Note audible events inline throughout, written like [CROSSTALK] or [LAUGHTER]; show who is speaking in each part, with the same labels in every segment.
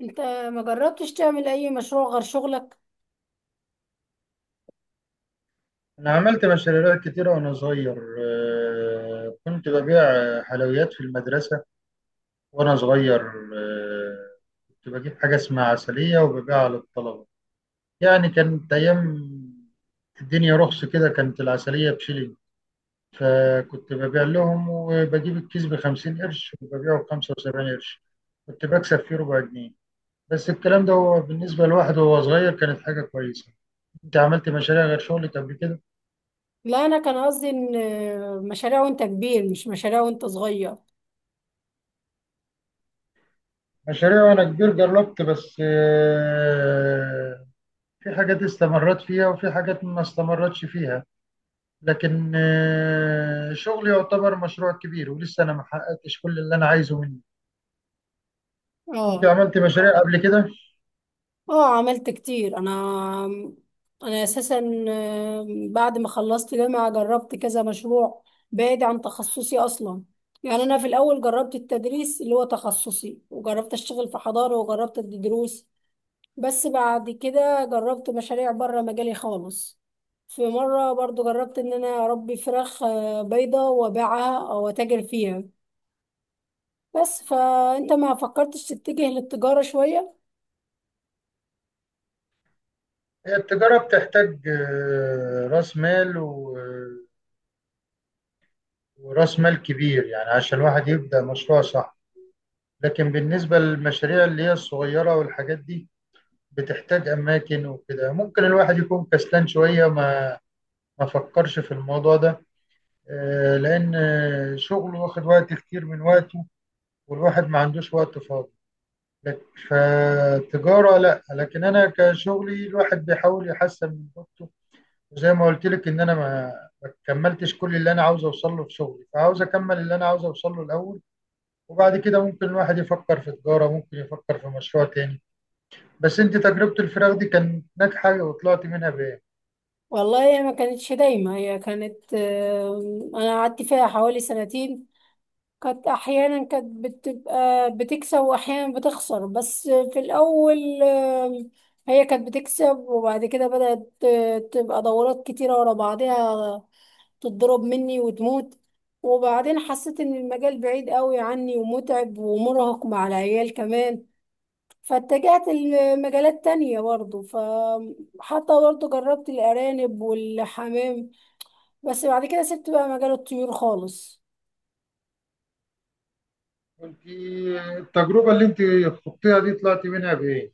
Speaker 1: انت ما جربتش تعمل اي مشروع غير شغلك؟
Speaker 2: أنا عملت مشاريع كتيرة وأنا صغير، كنت ببيع حلويات في المدرسة وأنا صغير. آه، كنت بجيب حاجة اسمها عسلية وببيعها للطلبة. يعني كانت أيام الدنيا رخص كده، كانت العسلية بشيلين، فكنت ببيع لهم وبجيب الكيس ب50 قرش وببيعه ب75 قرش. كنت بكسب فيه ربع جنيه. بس الكلام ده، هو بالنسبة لواحد وهو صغير، كانت حاجة كويسة. أنت عملت مشاريع غير شغلك قبل كده؟
Speaker 1: لا، انا كان قصدي ان مشاريع وانت كبير، مش مشاريع وانت صغير.
Speaker 2: مشاريع وانا كبير جربت، بس في حاجات استمرت فيها وفي حاجات ما استمرتش فيها. لكن شغلي يعتبر مشروع كبير، ولسه انا ما حققتش كل اللي انا عايزه منه. انت
Speaker 1: اه،
Speaker 2: عملت مشاريع قبل كده؟
Speaker 1: اه عملت كتير انا. انا اساسا بعد ما خلصت جامعة جربت كذا مشروع بعيد عن تخصصي اصلا. يعني انا في الاول جربت التدريس اللي هو تخصصي، وجربت اشتغل في حضانة، وجربت ادي دروس. بس بعد كده جربت مشاريع بره مجالي خالص. في مرة برضو جربت ان انا اربي فراخ بيضة وابيعها او اتاجر فيها. بس فانت ما فكرتش تتجه للتجارة شوية؟
Speaker 2: هي التجارة بتحتاج راس مال وراس مال كبير، يعني عشان الواحد يبدأ مشروع صح. لكن بالنسبة للمشاريع اللي هي الصغيرة والحاجات دي، بتحتاج أماكن وكده. ممكن الواحد يكون كسلان شوية، ما فكرش في الموضوع ده. لأن شغله واخد وقت كتير من وقته، والواحد ما عندوش وقت فاضي. لك- فالتجارة لا، لكن أنا كشغلي الواحد بيحاول يحسن من جودته. وزي ما قلت لك، إن أنا ما كملتش كل اللي أنا عاوز أوصل له في شغلي، فعاوز أكمل اللي أنا عاوز أوصل له الأول. وبعد كده ممكن الواحد يفكر في تجارة، ممكن يفكر في مشروع تاني. بس أنت، تجربة الفراخ دي كانت ناجحة وطلعت منها بإيه؟
Speaker 1: والله، هي ما كانتش دايما. هي كانت آه، انا قعدت فيها حوالي سنتين. كانت احيانا كانت بتبقى بتكسب، واحيانا بتخسر. بس في الاول هي كانت بتكسب، وبعد كده بدأت تبقى دورات كتيرة ورا بعضها، تتضرب مني وتموت. وبعدين حسيت ان المجال بعيد قوي عني، ومتعب، ومرهق مع العيال كمان. فاتجهت لمجالات تانية برضه، فحتى برضه جربت الأرانب والحمام. بس بعد كده سبت بقى مجال الطيور خالص.
Speaker 2: أنت، التجربة اللي أنت خضتيها دي، طلعت منها بإيه؟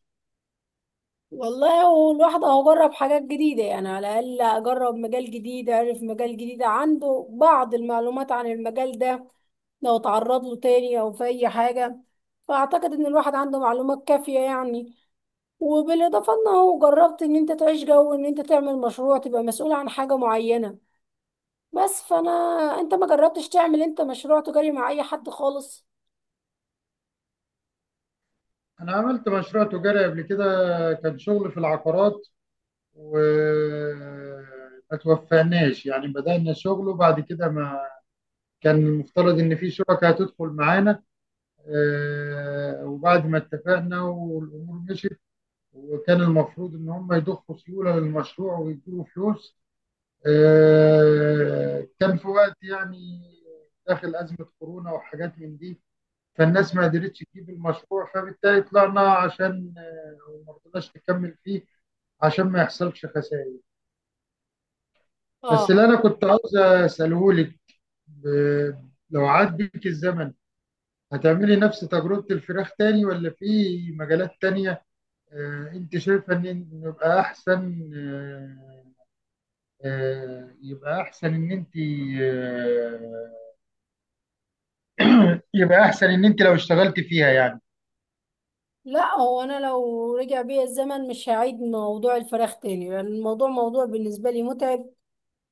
Speaker 1: والله، هو الواحد اهو جرب حاجات جديدة، يعني على الأقل أجرب مجال جديد، أعرف مجال جديد، عنده بعض المعلومات عن المجال ده لو تعرض له تاني أو في أي حاجة. فأعتقد إن الواحد عنده معلومات كافية يعني. وبالاضافه انه جربت ان انت تعيش جو ان انت تعمل مشروع، تبقى مسؤول عن حاجه معينه. بس فانا انت ما جربتش تعمل انت مشروع تجاري مع اي حد خالص؟
Speaker 2: أنا عملت مشروع تجاري قبل كده، كان شغل في العقارات، وما توفقناش. يعني بدأنا شغل وبعد كده ما، كان المفترض إن في شركة هتدخل معانا. وبعد ما اتفقنا والأمور مشيت، وكان المفروض إن هم يضخوا سيولة للمشروع ويدوا فلوس. كان في وقت يعني داخل أزمة كورونا وحاجات من دي. فالناس ما قدرتش تجيب المشروع، فبالتالي طلعنا عشان وما رضيناش نكمل فيه عشان ما يحصلش خسائر. بس اللي
Speaker 1: اه.
Speaker 2: انا كنت عاوز اساله لك: ب- لو عاد بيك الزمن، هتعملي نفس تجربة الفراخ تاني ولا في مجالات تانية؟ انت شايفة إن يبقى احسن، آه، آه، يبقى احسن ان انت آه، [CLEARS THROAT] يبقى احسن ان انت لو اشتغلت فيها يعني.
Speaker 1: لا، هو انا لو رجع بيا الزمن مش هعيد موضوع الفراخ تاني، لان يعني الموضوع موضوع بالنسبه لي متعب،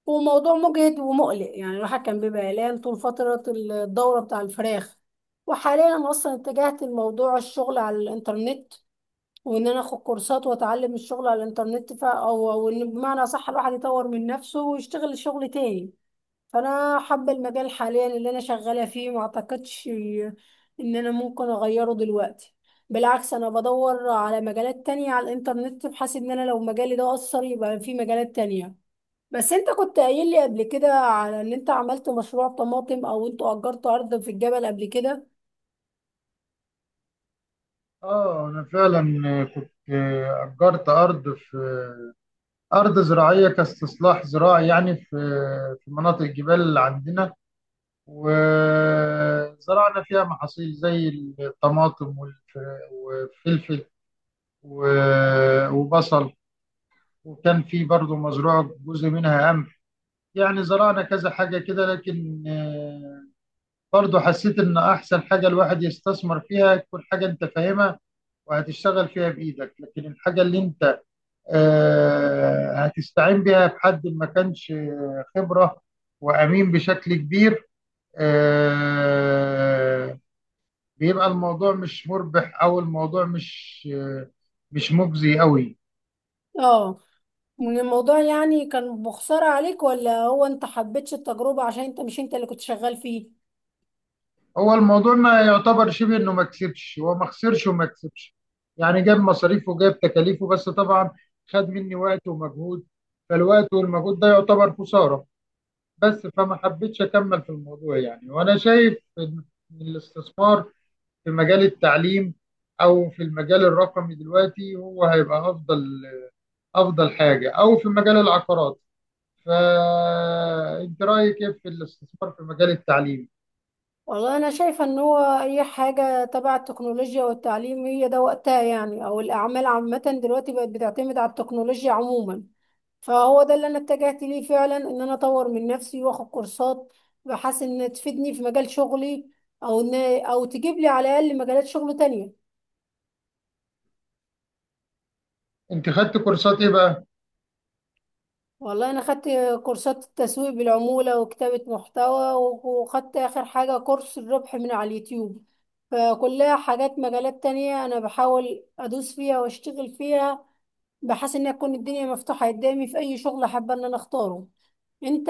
Speaker 1: وموضوع مجهد ومقلق. يعني الواحد كان بيبقى قلقان طول فتره الدوره بتاع الفراخ. وحاليا انا اصلا اتجهت لموضوع الشغل على الانترنت، وان انا اخد كورسات واتعلم الشغل على الانترنت. ف او او ان بمعنى صح الواحد يطور من نفسه ويشتغل شغل تاني. فانا حابه المجال حاليا اللي انا شغاله فيه، ما اعتقدش ان انا ممكن اغيره دلوقتي. بالعكس، انا بدور على مجالات تانية على الانترنت، بحيث ان انا لو مجالي ده اثر يبقى في مجالات تانية. بس انت كنت قايل لي قبل كده على ان انت عملت مشروع طماطم، او انتوا اجرتوا ارض في الجبل قبل كده؟
Speaker 2: اه، انا فعلا كنت اجرت ارض في ارض زراعيه كاستصلاح زراعي، يعني في مناطق الجبال اللي عندنا، وزرعنا فيها محاصيل زي الطماطم والفلفل و- وبصل. وكان في برضو مزروع جزء منها قمح، يعني زرعنا كذا حاجه كده. لكن برضو حسيت ان احسن حاجه الواحد يستثمر فيها تكون حاجه انت فاهمها، وهتشتغل فيها بايدك. لكن الحاجه اللي انت هتستعين بيها بحد ما كانش خبرة وأمين بشكل كبير، آه، بيبقى الموضوع مش مربح، أو الموضوع مش مجزي قوي.
Speaker 1: اه. من الموضوع يعني كان بخسارة عليك، ولا هو انت حبيتش التجربة عشان انت مش انت اللي كنت شغال فيه؟
Speaker 2: هو الموضوع ما يعتبر، شبه إنه ما كسبش. هو ما خسرش وما كسبش، يعني جاب مصاريفه وجاب تكاليفه، بس طبعا خد مني وقت ومجهود. فالوقت والمجهود ده يعتبر خسارة. بس فما حبيتش أكمل في الموضوع يعني. وأنا شايف إن الاستثمار في مجال التعليم، او في المجال الرقمي دلوقتي، هو هيبقى افضل حاجه، او في مجال العقارات. فانت رايك ايه في الاستثمار في مجال التعليم؟
Speaker 1: والله، انا شايفة ان هو اي حاجة تبع التكنولوجيا والتعليم هي ده وقتها، يعني او الاعمال عامة دلوقتي بقت بتعتمد على التكنولوجيا عموما. فهو ده اللي انا اتجهت ليه فعلا، ان انا اطور من نفسي واخد كورسات بحيث ان تفيدني في مجال شغلي، او ان او تجيب لي على الاقل مجالات شغل تانية.
Speaker 2: انت خدت كورسات ايه بقى؟
Speaker 1: والله، انا خدت كورسات التسويق بالعمولة وكتابة محتوى، وخدت اخر حاجة كورس الربح من على اليوتيوب. فكلها حاجات مجالات تانية انا بحاول ادوس فيها واشتغل فيها، بحيث ان تكون الدنيا مفتوحة قدامي في اي شغل حابة ان انا اختاره. انت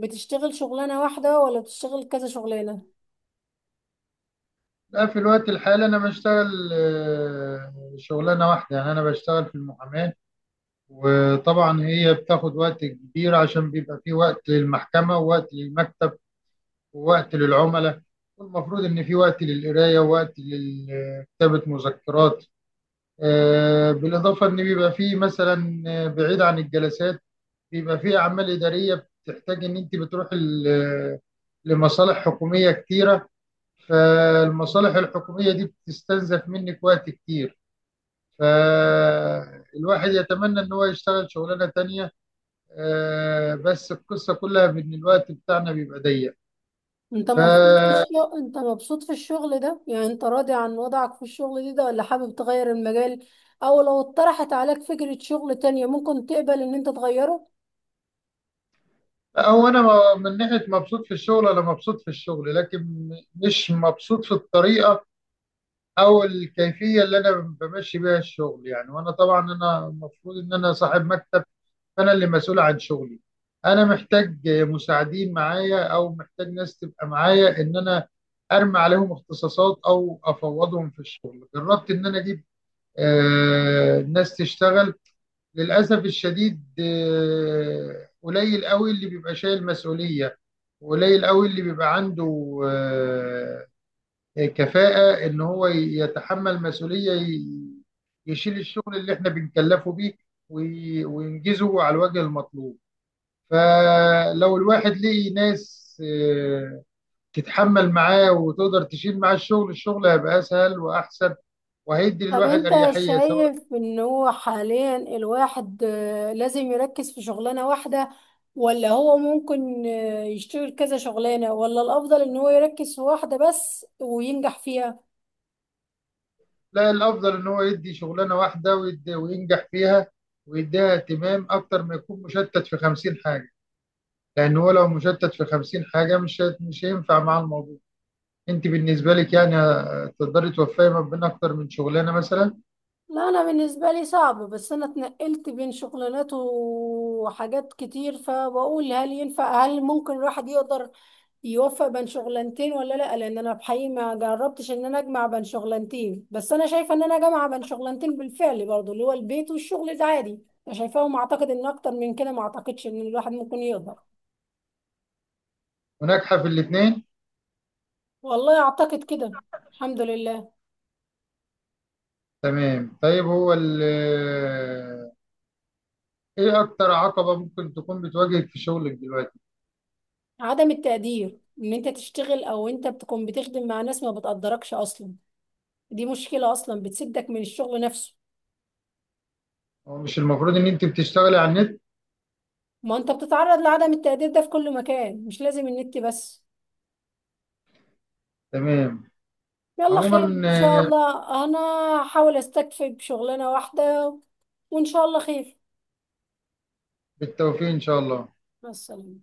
Speaker 1: بتشتغل شغلانة واحدة، ولا بتشتغل كذا شغلانة؟
Speaker 2: لا، في الوقت الحالي انا بشتغل شغلانه واحده، يعني انا بشتغل في المحاماه. وطبعا هي بتاخد وقت كبير، عشان بيبقى في وقت للمحكمه، ووقت للمكتب، ووقت للعملاء. والمفروض ان في وقت للقرايه، ووقت لكتابه مذكرات. بالإضافة إن بيبقى فيه مثلا، بعيد عن الجلسات، بيبقى فيه أعمال إدارية بتحتاج إن أنت بتروح لمصالح حكومية كتيرة. فالمصالح الحكومية دي بتستنزف منك وقت كتير. فالواحد يتمنى إن هو يشتغل شغلانة تانية، بس القصة كلها بإن الوقت بتاعنا بيبقى ضيق. ف
Speaker 1: انت مبسوط في الشغل ده؟ يعني انت راضي عن وضعك في الشغل ده ولا حابب تغير المجال، او لو اتطرحت عليك فكرة شغل تانية ممكن تقبل ان انت تغيره؟
Speaker 2: أو أنا من ناحية مبسوط في الشغل، أنا مبسوط في الشغل، لكن مش مبسوط في الطريقة او الكيفيه اللي انا بمشي بيها الشغل يعني. وانا طبعا، انا المفروض ان انا صاحب مكتب، فانا اللي مسؤول عن شغلي. انا محتاج مساعدين معايا، او محتاج ناس تبقى معايا، ان انا ارمي عليهم اختصاصات او افوضهم في الشغل. جربت ان انا اجيب ناس تشتغل. للاسف الشديد، قليل قوي اللي بيبقى شايل مسؤوليه. قليل قوي اللي بيبقى عنده كفاءة ان هو يتحمل مسؤولية، يشيل الشغل اللي احنا بنكلفه بيه، وينجزه على الوجه المطلوب. فلو الواحد لقي ناس آه، تتحمل معاه وتقدر تشيل معاه الشغل، الشغل هيبقى اسهل واحسن، وهيدي
Speaker 1: طب
Speaker 2: للواحد
Speaker 1: انت
Speaker 2: اريحية سواء.
Speaker 1: شايف ان هو حاليا الواحد لازم يركز في شغلانة واحدة، ولا هو ممكن يشتغل كذا شغلانة، ولا الافضل ان هو يركز في واحدة بس وينجح فيها؟
Speaker 2: لا، الافضل ان هو يدي شغلانة واحدة، وينجح فيها، ويديها اهتمام اكتر ما يكون مشتت في 50 حاجة. لان هو لو مشتت في 50 حاجة، مش هينفع مع الموضوع. انت بالنسبه لك يعني، تقدري توفقي ما بين اكتر من شغلانه مثلا؟
Speaker 1: لا، انا بالنسبه لي صعب. بس انا اتنقلت بين شغلانات وحاجات كتير، فبقول هل ينفع، هل ممكن الواحد يقدر يوفق بين شغلانتين ولا لا. لان انا بحقيقي ما جربتش ان انا اجمع بين شغلانتين، بس انا شايفه ان انا جامعه بين شغلانتين بالفعل برضو، اللي هو البيت والشغل العادي. انا شايفاهم، اعتقد ان اكتر من كده ما اعتقدش ان الواحد ممكن يقدر.
Speaker 2: وناجحه في الاثنين؟
Speaker 1: والله، اعتقد كده. الحمد لله.
Speaker 2: تمام، طيب. هو ال ايه اكتر عقبه ممكن تكون بتواجهك في شغلك دلوقتي؟
Speaker 1: عدم التقدير ان انت تشتغل، او انت بتكون بتخدم مع ناس ما بتقدركش اصلا. دي مشكلة أصلا بتسدك من الشغل نفسه.
Speaker 2: هو مش المفروض ان انت بتشتغلي على النت؟
Speaker 1: ما أنت بتتعرض لعدم التقدير ده في كل مكان، مش لازم النت بس.
Speaker 2: تمام.
Speaker 1: يلا،
Speaker 2: عموما،
Speaker 1: خير إن شاء الله. أنا هحاول أستكفي بشغلانة واحدة، وإن شاء الله خير.
Speaker 2: بالتوفيق ان شاء الله.
Speaker 1: مع السلامة.